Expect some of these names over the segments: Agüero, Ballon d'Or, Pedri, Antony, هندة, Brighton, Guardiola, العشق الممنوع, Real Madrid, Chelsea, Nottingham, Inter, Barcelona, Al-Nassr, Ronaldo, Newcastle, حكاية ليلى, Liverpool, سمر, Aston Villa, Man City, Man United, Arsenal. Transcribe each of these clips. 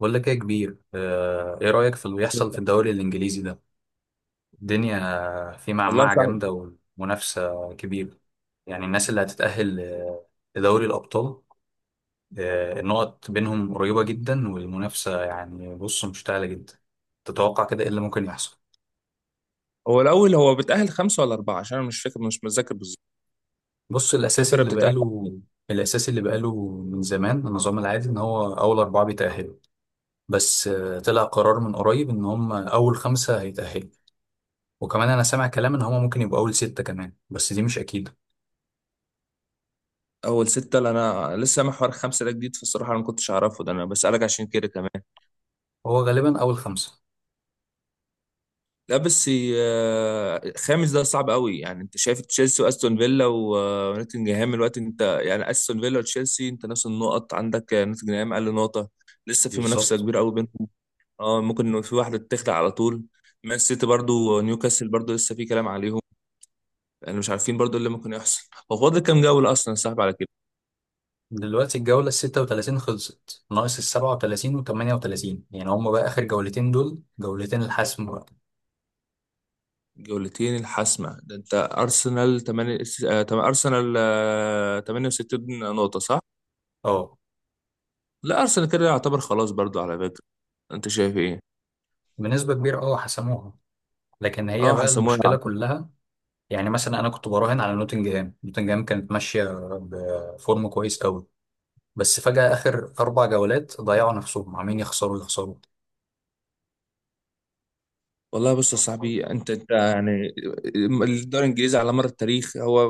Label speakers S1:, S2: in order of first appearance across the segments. S1: بقول لك ايه يا كبير، ايه رأيك في اللي بيحصل في الدوري الانجليزي ده؟ الدنيا في
S2: والله
S1: معمعة
S2: صعب.
S1: جامدة ومنافسة كبيرة. يعني الناس اللي هتتأهل لدوري الأبطال، النقط بينهم قريبة جدا، والمنافسة يعني بص مشتعلة جدا. تتوقع كده ايه اللي ممكن يحصل؟
S2: هو الاول بيتاهل خمسه ولا اربعه، عشان انا مش فاكر، مش متذكر بالظبط
S1: بص،
S2: كام فرقه بتتاهل.
S1: الأساسي اللي بقاله من زمان، النظام العادي إن هو أول أربعة بيتأهلوا، بس طلع قرار من قريب إن هم أول خمسة هيتأهلوا، وكمان انا سامع كلام ان هما ممكن يبقوا اول ستة كمان، بس دي مش اكيدة.
S2: اول سته؟ لا، انا لسه محور خمسه ده جديد، فالصراحه انا ما كنتش اعرفه، ده انا بسالك عشان كده كمان.
S1: هو غالبا اول خمسة.
S2: لا بس خامس ده صعب قوي. يعني انت شايف تشيلسي واستون فيلا ونوتنجهام الوقت، انت يعني استون فيلا وتشيلسي انت نفس النقط عندك، نوتنجهام اقل نقطه. لسه في منافسه
S1: بالظبط.
S2: كبيره قوي بينهم. اه ممكن إنه في واحده تخلع على طول. مان سيتي برضو، نيوكاسل برضو لسه في كلام عليهم. لان مش عارفين برضو إيه اللي ممكن يحصل. هو فاضل كام جوله اصلا يا صاحبي على كده؟
S1: دلوقتي الجولة 36 خلصت، ناقص 37 وتمانية وتلاتين. يعني هما بقى آخر جولتين دول جولتين الحسم بقى.
S2: جولتين الحاسمه. ده انت ارسنال 8 ارسنال 68 نقطه صح؟
S1: اه،
S2: لا ارسنال كده يعتبر خلاص برضو على فكره. انت شايف ايه؟
S1: بنسبة كبيرة، اه حسموها. لكن هي
S2: اه
S1: بقى
S2: حسموها.
S1: المشكلة كلها، يعني مثلا أنا كنت براهن على نوتنجهام. نوتنجهام كانت ماشية بفورم كويس قوي، بس فجأة آخر 4 جولات ضيعوا نفسهم، عمالين يخسروا يخسروا.
S2: والله بص يا صاحبي، انت يعني الدوري الانجليزي على مر التاريخ هو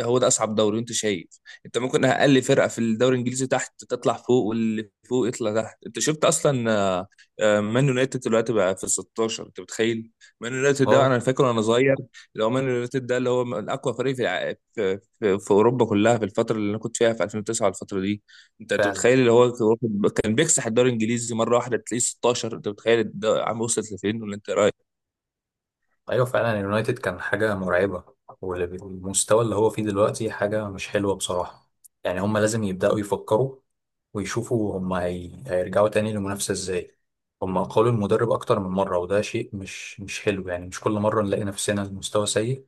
S2: هو ده اصعب دوري، وانت شايف. انت ممكن اقل فرقه في الدوري الانجليزي تحت تطلع فوق، واللي فوق يطلع تحت. انت شفت اصلا مان يونايتد دلوقتي بقى في 16، انت متخيل؟ مان يونايتد ده انا
S1: اه
S2: فاكر وانا صغير، اللي هو مان يونايتد ده اللي هو من اقوى فريق في اوروبا كلها، في الفتره اللي انا كنت فيها في 2009 الفتره دي. انت
S1: فعلا.
S2: متخيل اللي هو كان بيكسح الدوري الانجليزي مره واحده تلاقيه 16. انت متخيل عم وصلت لفين ولا انت؟
S1: ايوه فعلا، اليونايتد كان حاجه مرعبه، والمستوى اللي هو فيه دلوقتي حاجه مش حلوه بصراحه. يعني هم لازم يبداوا يفكروا ويشوفوا هم هيرجعوا تاني للمنافسه ازاي. هم قالوا المدرب اكتر من مره، وده شيء مش حلو. يعني مش كل مره نلاقي نفسنا المستوى سيء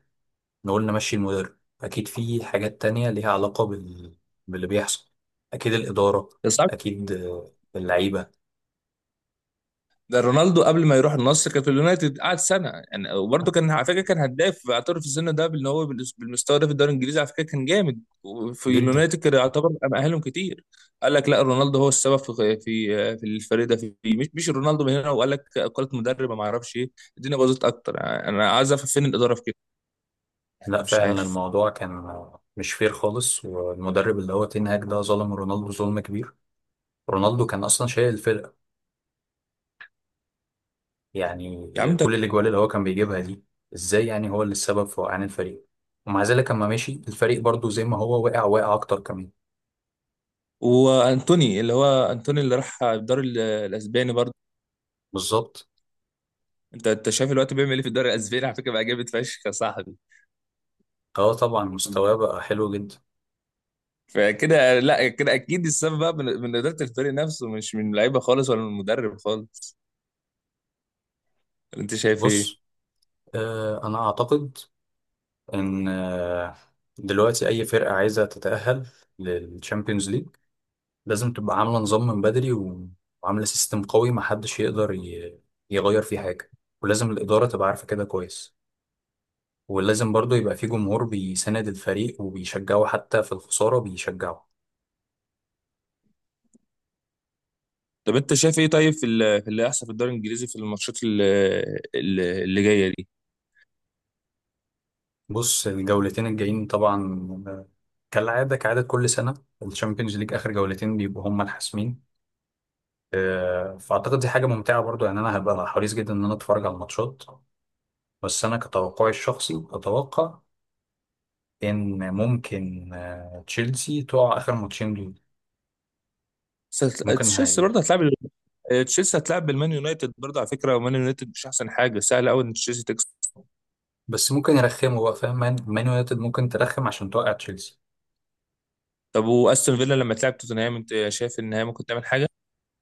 S1: نقول نمشي المدرب، اكيد في حاجات تانية ليها علاقه باللي بيحصل. اكيد الاداره،
S2: بس عارف،
S1: اكيد اللعيبه.
S2: ده رونالدو قبل ما يروح النصر كان في اليونايتد قعد سنه يعني، وبرده كان على فكره كان هداف، اعترف في السن ده بان هو بالمستوى ده في الدوري الانجليزي، على فكره كان جامد، وفي
S1: جدا.
S2: اليونايتد كان يعتبر مأهلهم كتير. قال لك لا، رونالدو هو السبب في في الفريق ده، في مش رونالدو من هنا، وقال لك قالت مدرب ما اعرفش ايه. الدنيا باظت اكتر، يعني انا عايز افهم فين الاداره في كده. يعني
S1: لا
S2: مش
S1: فعلا،
S2: عارف.
S1: الموضوع كان مش فير خالص، والمدرب اللي هو تين هاج ده ظلم رونالدو ظلم كبير. رونالدو كان اصلا شايل الفرقه يعني.
S2: يا عم ده،
S1: كل الاجوال اللي هو كان بيجيبها دي، ازاي يعني هو اللي السبب في وقعان الفريق؟ ومع ذلك لما مشي الفريق برضو زي ما هو وقع وقع اكتر كمان.
S2: وانتوني، اللي هو انتوني اللي راح الدوري الاسباني برضه.
S1: بالظبط.
S2: انت شايف الوقت بيعمل ايه في الدوري الاسباني؟ على فكره بقى جامد فشخ يا صاحبي.
S1: اه طبعا مستواه بقى حلو جدا.
S2: فكده لا، كده اكيد السبب بقى من اداره الفريق نفسه، مش من لعيبه خالص ولا من المدرب خالص. انت شايف ايه؟
S1: بص، انا اعتقد ان دلوقتي اي فرقه عايزه تتاهل للتشامبيونز ليج لازم تبقى عاملة نظام من بدري، وعاملة سيستم قوي محدش يقدر يغير فيه حاجة. ولازم الإدارة تبقى عارفة كده كويس، ولازم برضو يبقى فيه جمهور بيساند الفريق وبيشجعه، حتى في الخسارة بيشجعه.
S2: طب انت شايف ايه طيب في اللي هيحصل في الدوري الانجليزي في الماتشات اللي جايه دي؟
S1: بص الجولتين الجايين طبعا، كالعادة كعادة كل سنة الشامبيونز ليج آخر جولتين بيبقوا هما الحاسمين. فأعتقد دي حاجة ممتعة برضو، يعني أنا هبقى حريص جدا إن أنا أتفرج على الماتشات. بس أنا كتوقعي الشخصي أتوقع ان ممكن تشيلسي تقع اخر ماتشين دول. ممكن
S2: تشيلسي
S1: هاي.
S2: برضه هتلعب، تشيلسي هتلعب بالمان يونايتد برضه على فكره، ومان يونايتد مش احسن حاجه، سهل قوي ان تشيلسي تكسب.
S1: بس ممكن يرخموا بقى، فاهم؟ مان يونايتد ممكن ترخم عشان توقع تشيلسي.
S2: طب واستون فيلا لما تلعب توتنهام انت شايف ان هي ممكن تعمل حاجه؟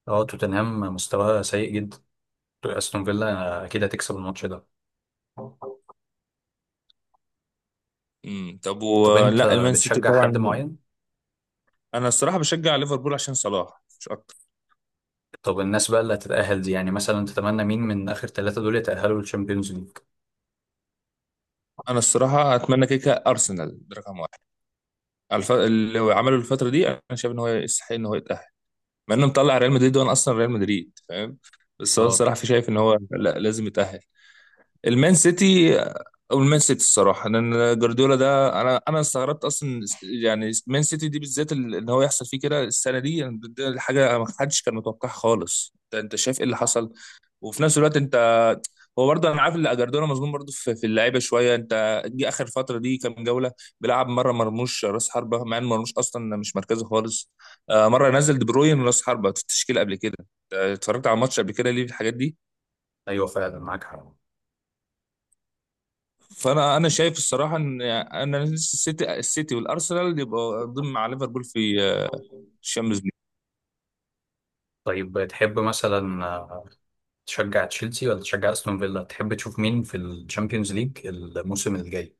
S1: اه، توتنهام مستواها سيء جدا، استون فيلا اكيد هتكسب الماتش ده.
S2: طب
S1: طب انت
S2: ولا المان سيتي
S1: بتشجع حد
S2: طبعا.
S1: معين؟
S2: انا الصراحه بشجع ليفربول عشان صلاح مش اكتر.
S1: طب الناس بقى اللي هتتأهل دي، يعني مثلا تتمنى مين من اخر ثلاثة دول يتأهلوا للشامبيونز ليج؟
S2: انا الصراحه اتمنى كيكه ارسنال ده رقم واحد، اللي هو عمله الفتره دي انا شايف ان هو يستحق ان هو يتاهل، مع انه مطلع ريال مدريد، وانا اصلا ريال مدريد فاهم، بس انا
S1: اه.
S2: الصراحه في شايف ان هو لا لازم يتاهل. المان سيتي، او المان سيتي الصراحه، لان جوارديولا ده انا استغربت اصلا، يعني مان سيتي دي بالذات ان هو يحصل فيه كده السنه دي، يعني ده حاجه ما حدش كان متوقعها خالص. ده انت شايف ايه اللي حصل؟ وفي نفس الوقت انت، هو برضه انا عارف ان اجردونا مظلوم برضه في اللعيبه شويه. انت جه اخر فتره دي كام جوله بيلعب مره مرموش راس حربه، مع ان مرموش اصلا مش مركزه خالص. مره نزل دي بروين راس حربه في التشكيل قبل كده، اتفرجت على الماتش قبل كده، ليه في الحاجات دي؟
S1: ايوه فعلا، معاك حق.
S2: فانا شايف الصراحه ان انا السيتي والارسنال يبقوا ضمن مع ليفربول في الشامبيونز ليج.
S1: طيب تحب مثلا تشجع تشيلسي ولا تشجع استون فيلا؟ تحب تشوف مين في الشامبيونز ليج الموسم الجاي؟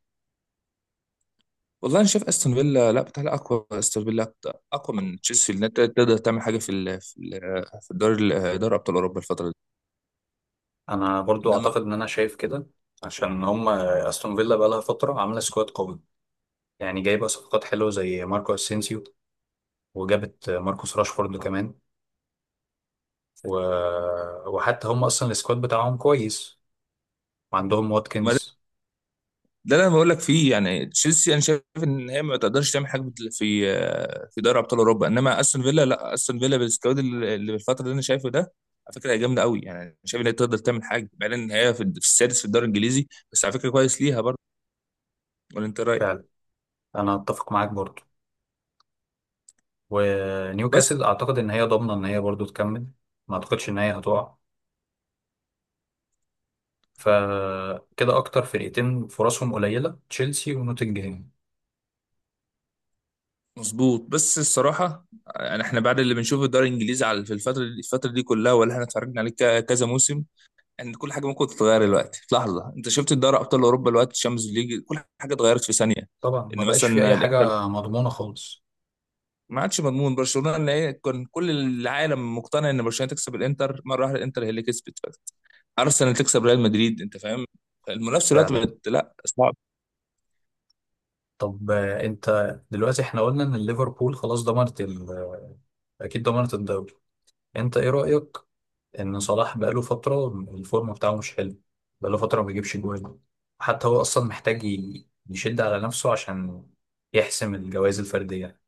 S2: والله انا شايف استون فيلا، لا بتاع، اقوى، استون فيلا اقوى من تشيلسي انها تقدر تعمل حاجه في الدوري دوري ابطال اوروبا الفتره دي.
S1: انا برضو
S2: انما
S1: اعتقد ان انا شايف كده، عشان هم استون فيلا بقى لها فتره عامله سكواد قوي، يعني جايبه صفقات حلوه زي ماركو اسينسيو، وجابت ماركوس راشفورد كمان و... وحتى هم اصلا السكواد بتاعهم كويس، وعندهم
S2: ما ده،
S1: واتكنز.
S2: ده اللي انا بقول لك فيه. يعني تشيلسي انا شايف ان هي ما تقدرش تعمل حاجه في في دوري ابطال اوروبا، انما استون فيلا لا، استون فيلا بالسكواد اللي بالفتره اللي انا شايفه ده، على فكره هي جامده قوي. يعني أنا شايف ان هي تقدر تعمل حاجه، بعدين ان هي في السادس في الدوري الانجليزي، بس على فكره كويس ليها برضه. ولا انت رايك؟
S1: فعلا. انا اتفق معاك برضو.
S2: بس
S1: ونيوكاسل اعتقد ان هي ضامنه ان هي برضو تكمل، ما اعتقدش ان هي هتقع. فكده اكتر فرقتين فرصهم قليله تشيلسي ونوتنجهام.
S2: مظبوط، بس الصراحه يعني احنا بعد اللي بنشوفه في الدوري الانجليزي على في الفتره دي، الفتره دي كلها ولا احنا اتفرجنا عليه كذا موسم، ان كل حاجه ممكن تتغير دلوقتي في لحظه. انت شفت الدوري ابطال اوروبا دلوقتي الشامبيونز ليج كل حاجه اتغيرت في ثانيه.
S1: طبعا ما
S2: ان
S1: بقاش في
S2: مثلا
S1: اي
S2: الانتر
S1: حاجه مضمونه خالص.
S2: ما عادش مضمون، برشلونه اللي هي كان كل العالم مقتنع ان برشلونه تكسب الانتر، مره واحده الانتر هي اللي كسبت. ارسنال تكسب ريال مدريد، انت فاهم؟ المنافسه دلوقتي
S1: فعلا.
S2: بقت لا صعب.
S1: طب انت دلوقتي احنا قلنا ان ليفربول خلاص ضمنت اكيد ضمنت الدوري. انت ايه رأيك ان صلاح بقاله فترة الفورم بتاعه مش حلو، بقاله فترة ما بيجيبش جوان؟ حتى هو اصلا محتاج يشد على نفسه عشان يحسم الجوائز الفردية.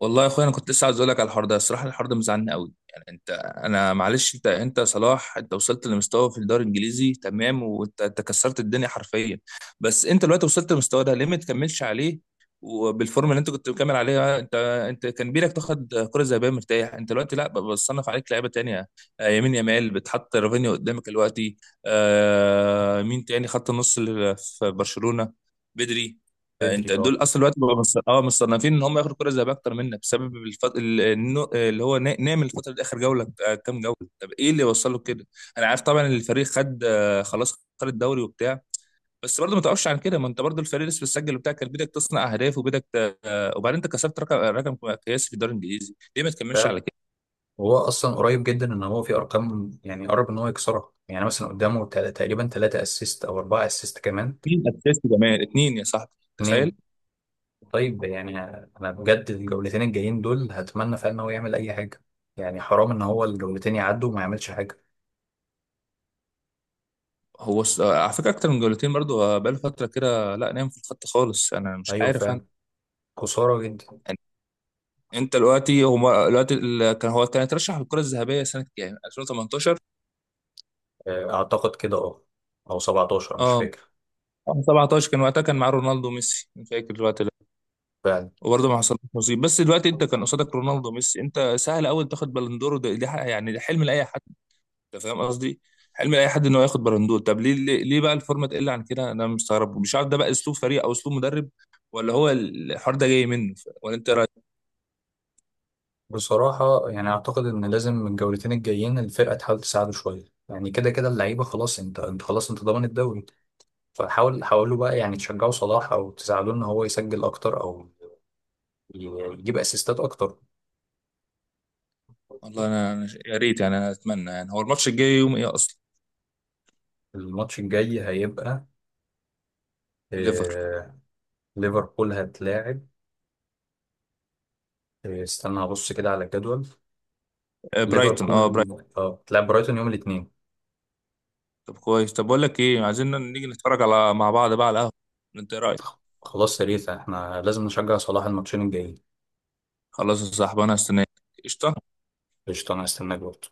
S2: والله يا اخويا انا كنت لسه عايز اقول لك على الحوار ده، الصراحه الحوار ده مزعلني قوي. يعني انت، انا معلش انت، انت صلاح، انت وصلت لمستوى في الدوري الانجليزي تمام، وانت كسرت الدنيا حرفيا. بس انت دلوقتي وصلت للمستوى ده ليه ما تكملش عليه وبالفورم اللي انت كنت مكمل عليها؟ انت، انت كان بيلك تاخد كره ذهبيه مرتاح. انت دلوقتي لا بصنف عليك لعيبه تانية، يمين يمال بتحط رافينيا قدامك دلوقتي، مين تاني خط النص اللي في برشلونه، بدري.
S1: بدري،
S2: انت
S1: اه.
S2: دول اصلا دلوقتي بقوا مصنفين ان هم ياخدوا كره ذهبيه اكتر منك، بسبب اللي هو نعمل الفتره دي اخر جوله، كام جوله؟ طب ايه اللي وصله كده؟ انا عارف طبعا ان الفريق خد، خلاص خد الدوري وبتاع، بس برضه ما توقفش عن كده. ما انت برضه الفريق لسه بتسجل وبتاع، كان بدك تصنع اهداف وبدك وبعدين انت كسبت رقم قياسي في الدوري الانجليزي، ليه ما تكملش
S1: فعلا.
S2: على كده؟
S1: وهو اصلا قريب جدا، ان هو في ارقام يعني قرب ان هو يكسرها، يعني مثلا قدامه تقريبا ثلاثة اسيست او اربعة اسيست كمان.
S2: مين اساسي كمان اتنين يا صاحبي، تخيل.
S1: اتنين. طيب يعني انا بجد الجولتين الجايين دول هتمنى فعلا ان هو يعمل اي حاجه، يعني حرام ان هو الجولتين يعدوا وما يعملش حاجه.
S2: على فكره اكتر من جولتين برضه، بقاله فتره كده لا نام في الخط خالص، انا مش
S1: ايوه
S2: عارف انا.
S1: فعلا. خساره جدا.
S2: انت دلوقتي، هما دلوقتي كان هو كان اترشح للكرة الذهبية سنة كام؟ 2018.
S1: اعتقد كده، اه. او 17 مش
S2: اه
S1: فاكر.
S2: 17 كان وقتها، كان معاه رونالدو وميسي، مش فاكر الوقت ده.
S1: فعلا.
S2: وبرضه ما حصلش نصيب، بس دلوقتي انت كان قصادك رونالدو وميسي، انت سهل قوي تاخد بالندور، ده يعني ده حلم لاي حد. انت فاهم قصدي؟ حلم لاي حد ان هو ياخد بالندور. طب ليه، ليه بقى الفورمه تقل عن كده؟ انا مستغرب، مش عارف، ده بقى اسلوب فريق او اسلوب مدرب، ولا هو الحوار ده جاي منه؟ ولا انت إيه رايك؟
S1: بصراحه يعني اعتقد ان لازم الجولتين الجايين الفرقه تحاول تساعده شويه، يعني كده كده اللعيبه خلاص، انت خلاص انت ضامن الدوري. فحاول حاولوا بقى، يعني تشجعوا صلاح او تساعدوه ان هو يسجل اكتر، او يجيب اسيستات اكتر.
S2: والله انا، يا ريت، يعني انا اتمنى، يعني هو الماتش الجاي يوم ايه اصلا؟
S1: الماتش الجاي هيبقى
S2: ليفر
S1: آه، ليفربول هتلاعب. إيه، استنى هبص كده على الجدول.
S2: آه، برايتون، برايتون.
S1: ليفربول اه بتلعب برايتون يوم الاثنين.
S2: طب كويس. طب بقول لك ايه، عايزين نيجي نتفرج على مع بعض بقى على القهوة، انت ايه رأيك؟
S1: خلاص، يا ريت احنا لازم نشجع صلاح الماتشين الجايين.
S2: خلاص يا صاحبي، انا هستناك. قشطة.
S1: قشطة، انا هستناك برضه.